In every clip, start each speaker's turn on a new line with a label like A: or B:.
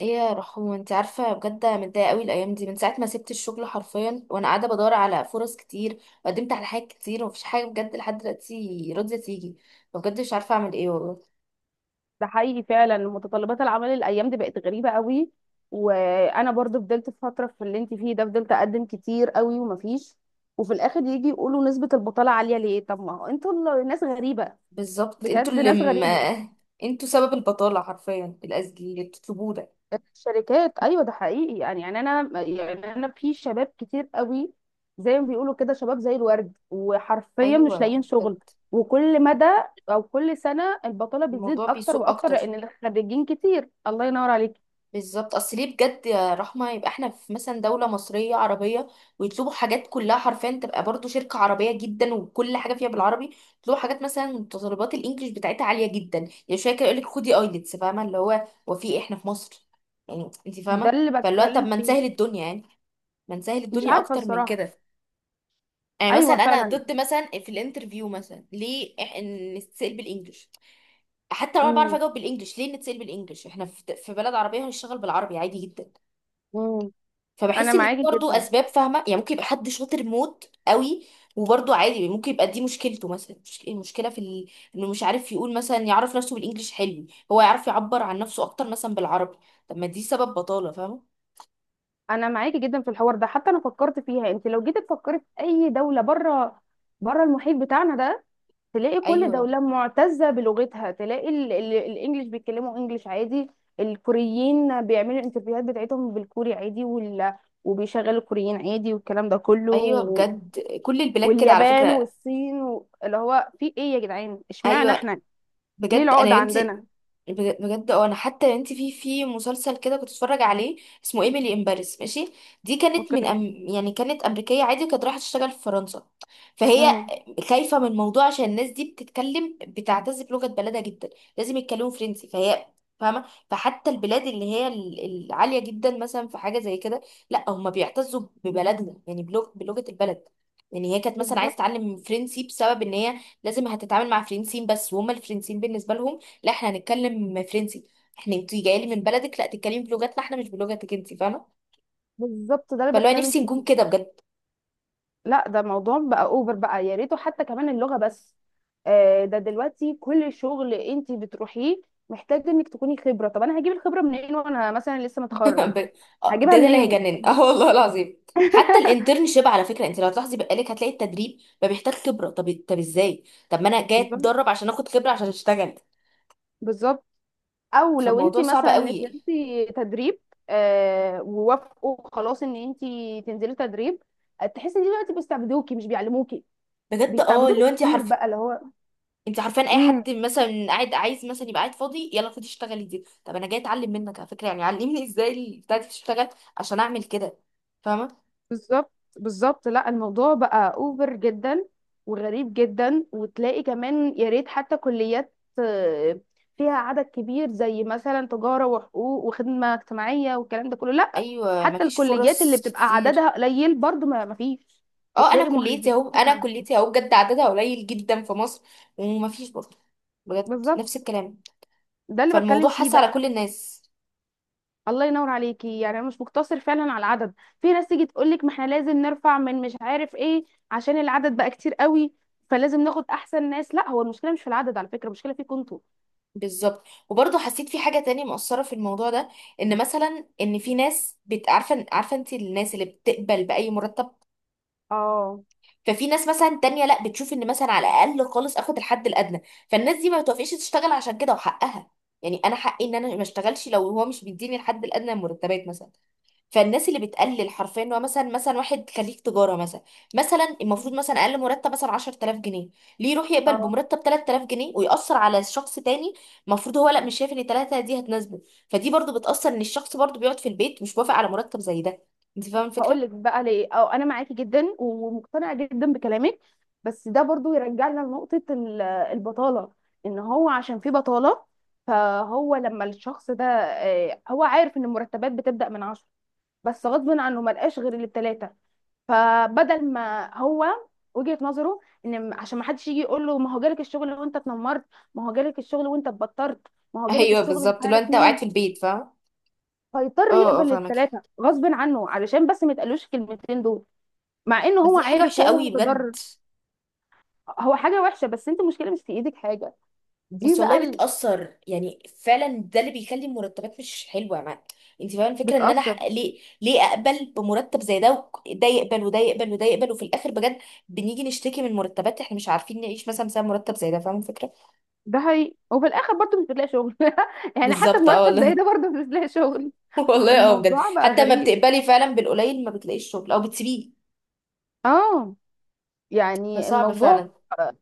A: ايه يا رحوم، انت عارفه؟ بجد أنا متضايقه قوي الايام دي. من ساعه ما سبت الشغل حرفيا وانا قاعده بدور على فرص كتير، وقدمت على حاجات كتير ومفيش حاجه بجد لحد دلوقتي راضيه تيجي. فبجد مش عارفه اعمل ايه والله.
B: ده حقيقي فعلا، متطلبات العمل الايام دي بقت غريبه قوي. وانا برضو فضلت في فتره في اللي انت فيه ده، فضلت اقدم كتير قوي ومفيش. وفي الاخر يجي يقولوا نسبه البطاله عاليه ليه، طب ما هو انتوا ناس غريبه.
A: بالظبط انتوا
B: بجد
A: اللي
B: ناس
A: م...
B: غريبه.
A: انتوا سبب البطاله حرفيا، الاسجيل اللي بتطلبوه ده.
B: الشركات ايوه، ده حقيقي. انا في شباب كتير قوي زي ما بيقولوا كده، شباب زي الورد وحرفيا مش لاقيين
A: ايوه بجد.
B: شغل. وكل مدى او كل سنه البطاله بتزيد
A: الموضوع
B: اكتر
A: بيسوء
B: واكتر،
A: اكتر.
B: لان الخريجين كتير. الله ينور عليك.
A: بالظبط. اصل ليه بجد يا رحمه؟ يبقى احنا في مثلا دوله مصريه عربيه، ويطلبوا حاجات كلها حرفيا، تبقى برضو شركه عربيه جدا وكل حاجه فيها بالعربي، يطلبوا حاجات مثلا متطلبات الانجليش بتاعتها عاليه جدا. يعني شويه كده يقول لك خدي ايلتس، فاهمه؟ اللي هو في ايه، احنا في مصر، يعني انت
B: ده
A: فاهمه.
B: اللي
A: فاللي هو طب
B: بتكلم
A: ما
B: فيه.
A: نسهل الدنيا يعني، ما نسهل
B: مش
A: الدنيا
B: عارفه
A: اكتر من
B: الصراحه.
A: كده. يعني مثلا
B: ايوه
A: انا
B: فعلا.
A: ضد مثلا في الانترفيو مثلا ليه إن نتسال بالانجليش. حتى لو انا بعرف
B: امم
A: اجاوب بالانجليش، ليه نتسال بالانجليش؟ احنا في بلد عربيه، هنشتغل بالعربي عادي جدا.
B: امم. انا
A: فبحس ان دي
B: معاكي
A: برضو
B: جدا.
A: اسباب، فاهمه؟ يعني ممكن يبقى حد شاطر موت قوي، وبرضو عادي ممكن يبقى دي مشكلته مثلا، المشكله انه مش عارف يقول مثلا يعرف نفسه بالانجليش، حلو، هو يعرف يعبر عن نفسه اكتر مثلا بالعربي. طب ما دي سبب بطاله، فاهمه؟
B: انا معاكي جدا في الحوار ده. حتى انا فكرت فيها، انت لو جيتي تفكري في اي دوله بره، بره المحيط بتاعنا ده، تلاقي كل
A: ايوه يعني،
B: دوله معتزه بلغتها. تلاقي الانجليش بيتكلموا انجليش عادي. الكوريين بيعملوا الانترفيوهات بتاعتهم بالكوري عادي وبيشغلوا الكوريين عادي، والكلام ده كله.
A: ايوه بجد كل البلاد كده على
B: واليابان
A: فكره.
B: والصين اللي هو في ايه يا جدعان، اشمعنى
A: ايوه.
B: احنا؟ ليه
A: بجد انا
B: العقدة
A: يا بنتي،
B: عندنا؟
A: بجد اه، انا حتى انت في مسلسل كده كنت اتفرج عليه، اسمه ايميلي ان باريس، ماشي؟ دي كانت من
B: اوكي.
A: أم يعني كانت امريكيه عادي، كانت رايحه تشتغل في فرنسا، فهي
B: امم.
A: خايفه من الموضوع عشان الناس دي بتتكلم، بتعتز بلغه بلدها جدا، لازم يتكلموا فرنسي، فهي فاهمه. فحتى البلاد اللي هي العاليه جدا مثلا في حاجه زي كده، لا هم بيعتزوا ببلدنا يعني بلغه البلد. يعني هي كانت مثلا عايزه
B: بالظبط.
A: تتعلم فرنسي بسبب ان هي لازم هتتعامل مع فرنسيين بس، وهم الفرنسيين بالنسبه لهم لا، احنا هنتكلم فرنسي. احنا انتي جايه لي من بلدك لا، تتكلمي بلغتنا احنا مش بلغتك انتي، فاهمه؟
B: بالظبط ده اللي
A: فاللي هو
B: بتكلم
A: نفسي
B: فيه.
A: نكون كده بجد.
B: لا، ده موضوع بقى اوفر بقى، يا ريته حتى كمان اللغه بس. آه، ده دلوقتي كل شغل انت بتروحيه محتاج انك تكوني خبره. طب انا هجيب الخبره منين وانا مثلا لسه متخرج؟
A: ب- آه،
B: هجيبها
A: ده اللي
B: منين؟
A: هيجنن. اه والله العظيم. حتى الانترنشيب على فكره، انت لو تلاحظي بقالك، هتلاقي التدريب ما بيحتاج خبره. طب ازاي؟ طب ما انا جايه
B: بالظبط.
A: اتدرب عشان اخد خبره عشان اشتغل.
B: بالظبط. او لو انت
A: فالموضوع صعب
B: مثلا
A: قوي.
B: نزلتي تدريب، آه، ووافقوا خلاص ان انت تنزلي تدريب، تحسي ان دلوقتي بيستعبدوكي مش بيعلموكي.
A: بجد اه.
B: بيستعبدوكي
A: اللي هو انت
B: كتير بقى، اللي هو.
A: انت عارفان اي
B: مم.
A: حد مثلا قاعد عايز مثلا يبقى قاعد فاضي، يلا خدي اشتغلي دي. طب انا جايه اتعلم منك على فكره، يعني علمني ازاي بتاعتي تشتغل عشان اعمل كده، فاهمه؟
B: بالظبط. بالظبط. لا الموضوع بقى اوفر جدا وغريب جدا. وتلاقي كمان يا ريت، حتى كليات آه، فيها عدد كبير زي مثلا تجارة وحقوق وخدمة اجتماعية والكلام ده كله، لا.
A: ايوه.
B: حتى
A: مفيش
B: الكليات اللي
A: فرص
B: بتبقى
A: كتير.
B: عددها قليل برضو ما فيش.
A: اه،
B: بتلاقي
A: انا كليتي
B: مهندسين.
A: اهو، انا كليتي اهو بجد عددها قليل جدا في مصر، ومفيش برضه، بجد
B: بالظبط
A: نفس الكلام.
B: ده اللي
A: فالموضوع
B: بتكلم فيه
A: حس على
B: بقى.
A: كل الناس.
B: الله ينور عليكي. يعني انا مش مقتصر فعلا على العدد. في ناس تيجي تقول لك ما احنا لازم نرفع من مش عارف ايه، عشان العدد بقى كتير قوي فلازم ناخد احسن ناس. لا، هو المشكله مش في العدد على فكره، المشكله فيكم انتوا.
A: بالظبط. وبرضه حسيت في حاجه تانية مؤثره في الموضوع ده، ان مثلا ان في ناس عارفه انت الناس اللي بتقبل باي مرتب؟
B: اه.
A: ففي ناس مثلا تانية لا، بتشوف ان مثلا على الاقل خالص اخد الحد الادنى، فالناس دي ما بتوافقش تشتغل عشان كده، وحقها. يعني انا حقي ان انا ما اشتغلش لو هو مش بيديني الحد الادنى من المرتبات مثلا. فالناس اللي بتقلل حرفيا، إن هو مثلا واحد خريج تجاره مثلا، مثلا المفروض مثلا اقل مرتب مثلا 10000 جنيه، ليه يروح يقبل
B: اه.
A: بمرتب 3000 جنيه ويأثر على شخص تاني؟ المفروض هو لا، مش شايف ان 3 دي هتناسبه. فدي برضو بتأثر، ان الشخص برضو بيقعد في البيت مش موافق على مرتب زي ده، انت فاهمه
B: هقول
A: الفكره؟
B: لك بقى ليه. اه، انا معاكي جدا ومقتنعه جدا بكلامك، بس ده برضو يرجعنا لنقطه البطاله. ان هو عشان في بطاله، فهو لما الشخص ده آه، هو عارف ان المرتبات بتبدا من عشرة، بس غصب عنه ملقاش غير الثلاثه. فبدل ما هو، وجهة نظره ان عشان ما حدش يجي يقول له ما هو جالك الشغل وانت اتنمرت، ما هو جالك الشغل وانت اتبطرت، ما هو جالك
A: ايوه
B: الشغل مش
A: بالظبط، لو
B: عارف
A: انت قاعد
B: مين.
A: في البيت، فاهم.
B: فيضطر
A: اه اه،
B: يقبل
A: فاهمك.
B: الثلاثه غصب عنه، علشان بس ما يتقالوش الكلمتين دول، مع انه
A: بس
B: هو
A: دي حاجه
B: عارف
A: وحشه
B: وهو
A: قوي
B: متضرر.
A: بجد.
B: هو حاجه وحشه، بس انت المشكله مش في ايدك حاجه. دي
A: بس
B: بقى
A: والله بتأثر، يعني فعلا ده اللي بيخلي المرتبات مش حلوة. ما انت فاهمة الفكرة، ان انا
B: بتأثر.
A: ليه ليه اقبل بمرتب زي ده، ده يقبل وده يقبل وده يقبل، وفي الاخر بجد بنيجي نشتكي من مرتبات احنا مش عارفين نعيش مثلا بسبب مرتب زي ده، فاهمة الفكرة؟
B: ده هي وفي الاخر برضه مش بتلاقي شغل. يعني حتى
A: بالظبط اه
B: بمرتب زي
A: والله.
B: ده برضه مش بتلاقي شغل.
A: والله اه بجد،
B: الموضوع بقى
A: حتى ما
B: غريب.
A: بتقبلي فعلا بالقليل، ما بتلاقيش شغل، او بتسيبيه.
B: اه. يعني
A: فصعب
B: الموضوع،
A: فعلا.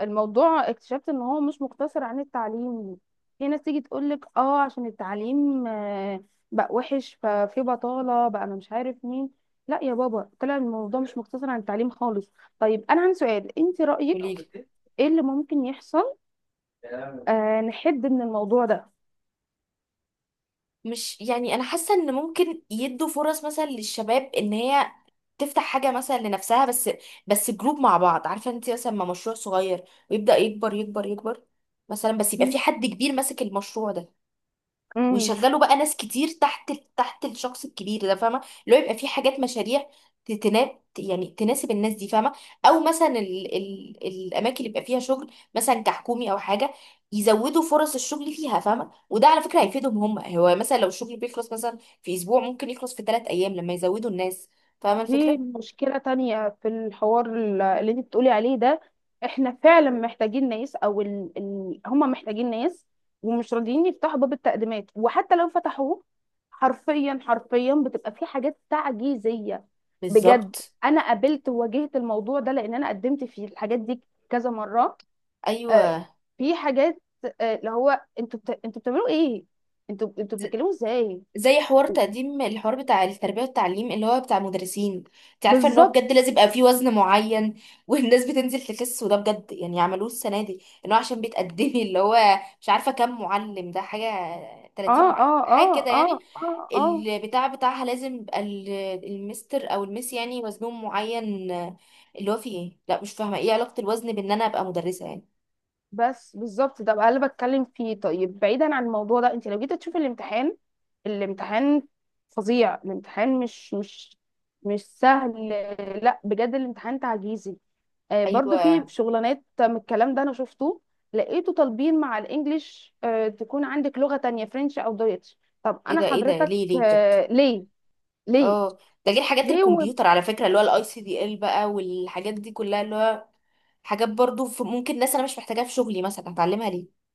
B: الموضوع اكتشفت ان هو مش مقتصر عن التعليم. في ناس تيجي تقولك اه عشان التعليم آه، بقى وحش ففي بطالة بقى انا مش عارف مين. لا يا بابا، طلع الموضوع مش مقتصر عن التعليم خالص. طيب انا عندي سؤال، انت رأيك
A: قوليلي.
B: ايه اللي ممكن يحصل، آه، نحد من الموضوع ده؟
A: مش يعني، انا حاسه ان ممكن يدوا فرص مثلا للشباب، ان هي تفتح حاجه مثلا لنفسها بس، بس جروب مع بعض، عارفه انت مثلا ما، مشروع صغير ويبدا يكبر يكبر يكبر، مثلا بس يبقى في حد كبير ماسك المشروع ده،
B: مم.
A: ويشغلوا بقى ناس كتير تحت الشخص الكبير ده، فاهمه؟ اللي هو يبقى في حاجات مشاريع تناب يعني تناسب الناس دي، فاهمه؟ او مثلا ال الاماكن اللي بيبقى فيها شغل مثلا كحكومي او حاجه، يزودوا فرص الشغل فيها، فاهمه؟ وده على فكره هيفيدهم هم، هو مثلا لو الشغل بيخلص مثلا في اسبوع، ممكن يخلص في ثلاث ايام لما يزودوا الناس، فاهمه
B: دي
A: الفكره؟
B: مشكلة تانية في الحوار اللي انت بتقولي عليه ده. احنا فعلا محتاجين ناس، او هم محتاجين ناس ومش راضيين يفتحوا باب التقديمات. وحتى لو فتحوه، حرفيا حرفيا بتبقى في حاجات تعجيزية، بجد.
A: بالظبط.
B: انا قابلت وواجهت الموضوع ده لان انا قدمت في الحاجات دي كذا مرة. آه.
A: ايوه،
B: في حاجات، آه، اللي هو انتوا بتعملوا ايه، انتوا بتتكلموا ازاي؟
A: زي حوار تقديم، الحوار بتاع التربية والتعليم اللي هو بتاع المدرسين. انت عارفة ان هو
B: بالظبط.
A: بجد لازم يبقى فيه وزن معين، والناس بتنزل تخس، وده بجد يعني عملوه السنة دي، ان هو عشان بتقدمي اللي هو مش عارفة كام معلم، ده حاجة 30
B: اه اه
A: حاجة
B: اه
A: كده يعني.
B: اه اه اه
A: البتاع بتاعها لازم يبقى المستر او المس، يعني وزنهم معين. اللي هو فيه ايه؟ لا مش فاهمة ايه علاقة الوزن بان انا ابقى مدرسة يعني؟
B: بس بالظبط ده بقى اللي بتكلم فيه. طيب بعيدا عن الموضوع ده، انت لو جيت تشوفي الامتحان، الامتحان فظيع. الامتحان مش سهل. لا بجد الامتحان تعجيزي. آه، برضو في
A: ايوه.
B: شغلانات من الكلام ده انا شفته، لقيته طالبين مع الانجليش آه تكون عندك لغة تانية فرنش او دويتش. طب
A: ايه
B: انا
A: ده، ايه ده؟
B: حضرتك
A: ليه ليه بجد؟
B: آه ليه؟ ليه؟
A: اه. ده غير حاجات
B: ليه؟
A: الكمبيوتر على فكره، اللي هو الICDL بقى، والحاجات دي كلها، اللي هو حاجات برضو في ممكن ناس انا مش محتاجاها في شغلي مثلا، هتعلمها ليه؟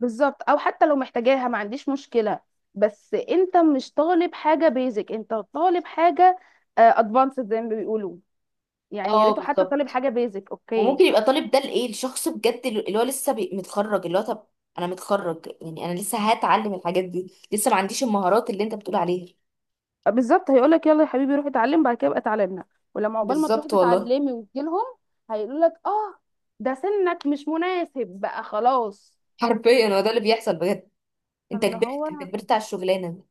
B: بالظبط. او حتى لو محتاجاها ما عنديش مشكله، بس انت مش طالب حاجه بيزك، انت طالب حاجه ادفانسد زي ما بيقولوا. يعني يا
A: اه
B: ريته حتى طالب
A: بالظبط.
B: حاجه بيزك، اوكي.
A: وممكن يبقى طالب ده لايه الشخص بجد اللي هو لسه متخرج، اللي هو طب انا متخرج، يعني انا لسه هتعلم الحاجات دي، لسه ما عنديش المهارات اللي انت بتقول عليها.
B: آه، بالظبط. هيقولك يلا يا حبيبي روح اتعلم، بعد كده ابقى اتعلمنا. ولما عقبال ما تروحي
A: بالظبط والله.
B: تتعلمي وتجيلهم، هيقولولك اه ده سنك مش مناسب بقى خلاص.
A: حرفيا هو ده اللي بيحصل بجد. انت
B: فاللي
A: كبرت،
B: هو،
A: انت كبرت على الشغلانه.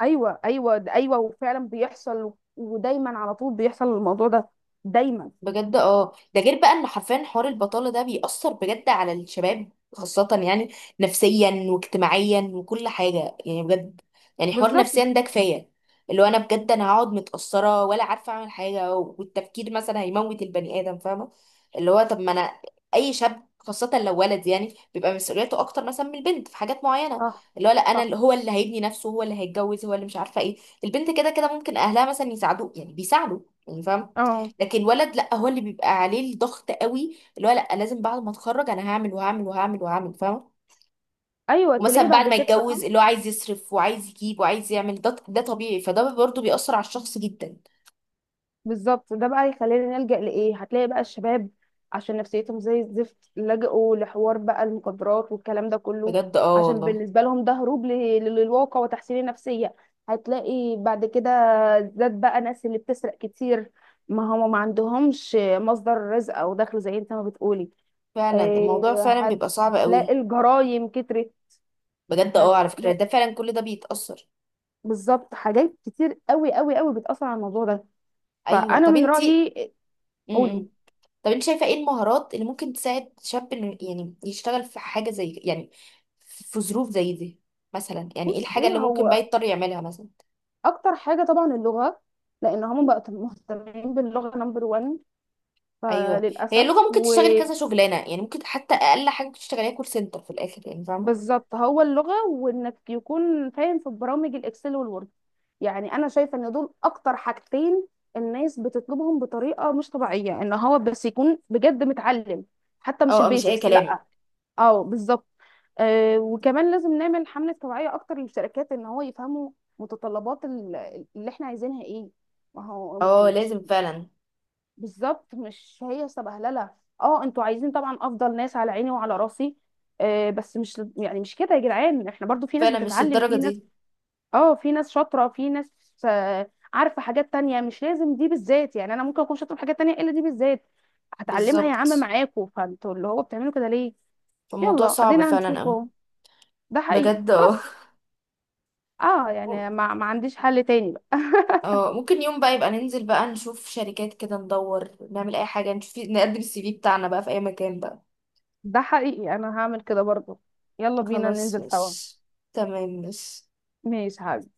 B: ايوه ايوه ده ايوه وفعلا بيحصل، ودايما على طول بيحصل الموضوع ده، دايما.
A: بجد اه. ده غير بقى ان حرفيا حوار البطالة ده بيأثر بجد على الشباب، خاصة يعني نفسيا واجتماعيا وكل حاجة يعني بجد. يعني حوار
B: بالظبط.
A: نفسيا ده كفاية، اللي هو انا بجد، انا هقعد متأثرة ولا عارفة اعمل حاجة، والتفكير مثلا هيموت البني آدم، فاهمة؟ اللي هو طب ما انا، اي شاب خاصة لو ولد يعني بيبقى مسؤوليته اكتر مثلا من البنت في حاجات معينة.
B: اه.
A: اللي هو لا، انا
B: صح.
A: اللي هو اللي هيبني نفسه، هو اللي هيتجوز، هو اللي مش عارفة ايه. البنت كده كده ممكن اهلها مثلا يساعدوه، يعني بيساعدوا يعني، فاهم؟
B: اه.
A: لكن الولد لا، هو اللي بيبقى عليه الضغط قوي، اللي هو لا لازم بعد ما اتخرج انا هعمل وهعمل وهعمل وهعمل، فاهمه؟
B: ايوه
A: ومثلا
B: تلاقيه
A: بعد
B: بعد
A: ما
B: كده بقى.
A: يتجوز اللي هو عايز يصرف وعايز يجيب وعايز يعمل، ده طبيعي. فده برضه بيأثر على الشخص جدا.
B: بالظبط ده بقى يخلينا نلجأ لايه. هتلاقي بقى الشباب عشان نفسيتهم زي الزفت لجأوا لحوار بقى المخدرات والكلام ده كله،
A: بجد اه
B: عشان
A: والله.
B: بالنسبه لهم ده هروب للواقع وتحسين النفسيه. هتلاقي بعد كده زاد بقى ناس اللي بتسرق كتير، ما هم ما عندهمش مصدر رزق او دخل زي انت ما بتقولي.
A: فعلا
B: إيه،
A: الموضوع فعلا بيبقى صعب
B: هتلاقي
A: قوي.
B: الجرايم كترت.
A: بجد اه، على فكرة
B: هتلاقي،
A: ده فعلا كل ده بيتأثر.
B: بالظبط، حاجات كتير قوي قوي قوي بتأثر على الموضوع ده.
A: ايوه.
B: فانا
A: طب
B: من
A: انتي
B: رأيي،
A: م -م.
B: قولي.
A: طب انت شايفة ايه المهارات اللي ممكن تساعد شاب إنه يعني يشتغل في حاجة زي يعني في ظروف زي دي؟ مثلا يعني ايه
B: بص
A: الحاجة
B: ايه
A: اللي ممكن
B: هو،
A: بقى يضطر يعملها مثلا؟
B: اكتر حاجه طبعا اللغه، لان هم بقوا مهتمين باللغه نمبر 1
A: ايوه، هي
B: فللاسف.
A: اللغه. ممكن تشتغلي كذا
B: وبالظبط،
A: شغلانه يعني، ممكن حتى اقل حاجه ممكن تشتغليها كول سنتر في الاخر، يعني فاهمه؟
B: هو اللغه وانك يكون فاهم في برامج الاكسل والوورد. يعني انا شايفه ان دول اكتر حاجتين الناس بتطلبهم بطريقه مش طبيعيه، ان هو بس يكون بجد متعلم، حتى مش
A: اه آه، مش اي
B: البيزكس
A: كلام.
B: لا. اه بالظبط. آه وكمان لازم نعمل حملة توعية أكتر للشركات، إن هو يفهموا متطلبات اللي إحنا عايزينها إيه. ما هو
A: اه لازم
B: مش،
A: فعلا.
B: بالظبط، مش هي سبهللة. اه انتوا عايزين طبعا أفضل ناس، على عيني وعلى راسي، آه، بس مش يعني مش كده يا جدعان. احنا برضو في ناس
A: فعلا مش
B: بتتعلم،
A: الدرجه
B: في ناس،
A: دي.
B: اه، في ناس شاطرة، في ناس آه عارفة حاجات تانية مش لازم دي بالذات. يعني أنا ممكن أكون شاطرة في حاجات تانية إلا دي بالذات. هتعلمها يا عم
A: بالظبط.
B: معاكوا. فانتوا اللي هو بتعملوا كده ليه؟
A: فالموضوع
B: يلا
A: صعب
B: ادينا
A: فعلا اوي.
B: هنشوفه. ده حقيقي
A: بجد اه.
B: خلاص. اه،
A: م-
B: يعني ما عنديش حل تاني بقى.
A: اه ممكن يوم بقى يبقى ننزل بقى نشوف شركات كده، ندور، نعمل اي حاجه، نشوف، نقدم الCV بتاعنا بقى في اي مكان بقى.
B: ده حقيقي انا هعمل كده برضه. يلا بينا
A: خلاص
B: ننزل
A: مش،
B: سوا.
A: تمام مش
B: ماشي حبيبي.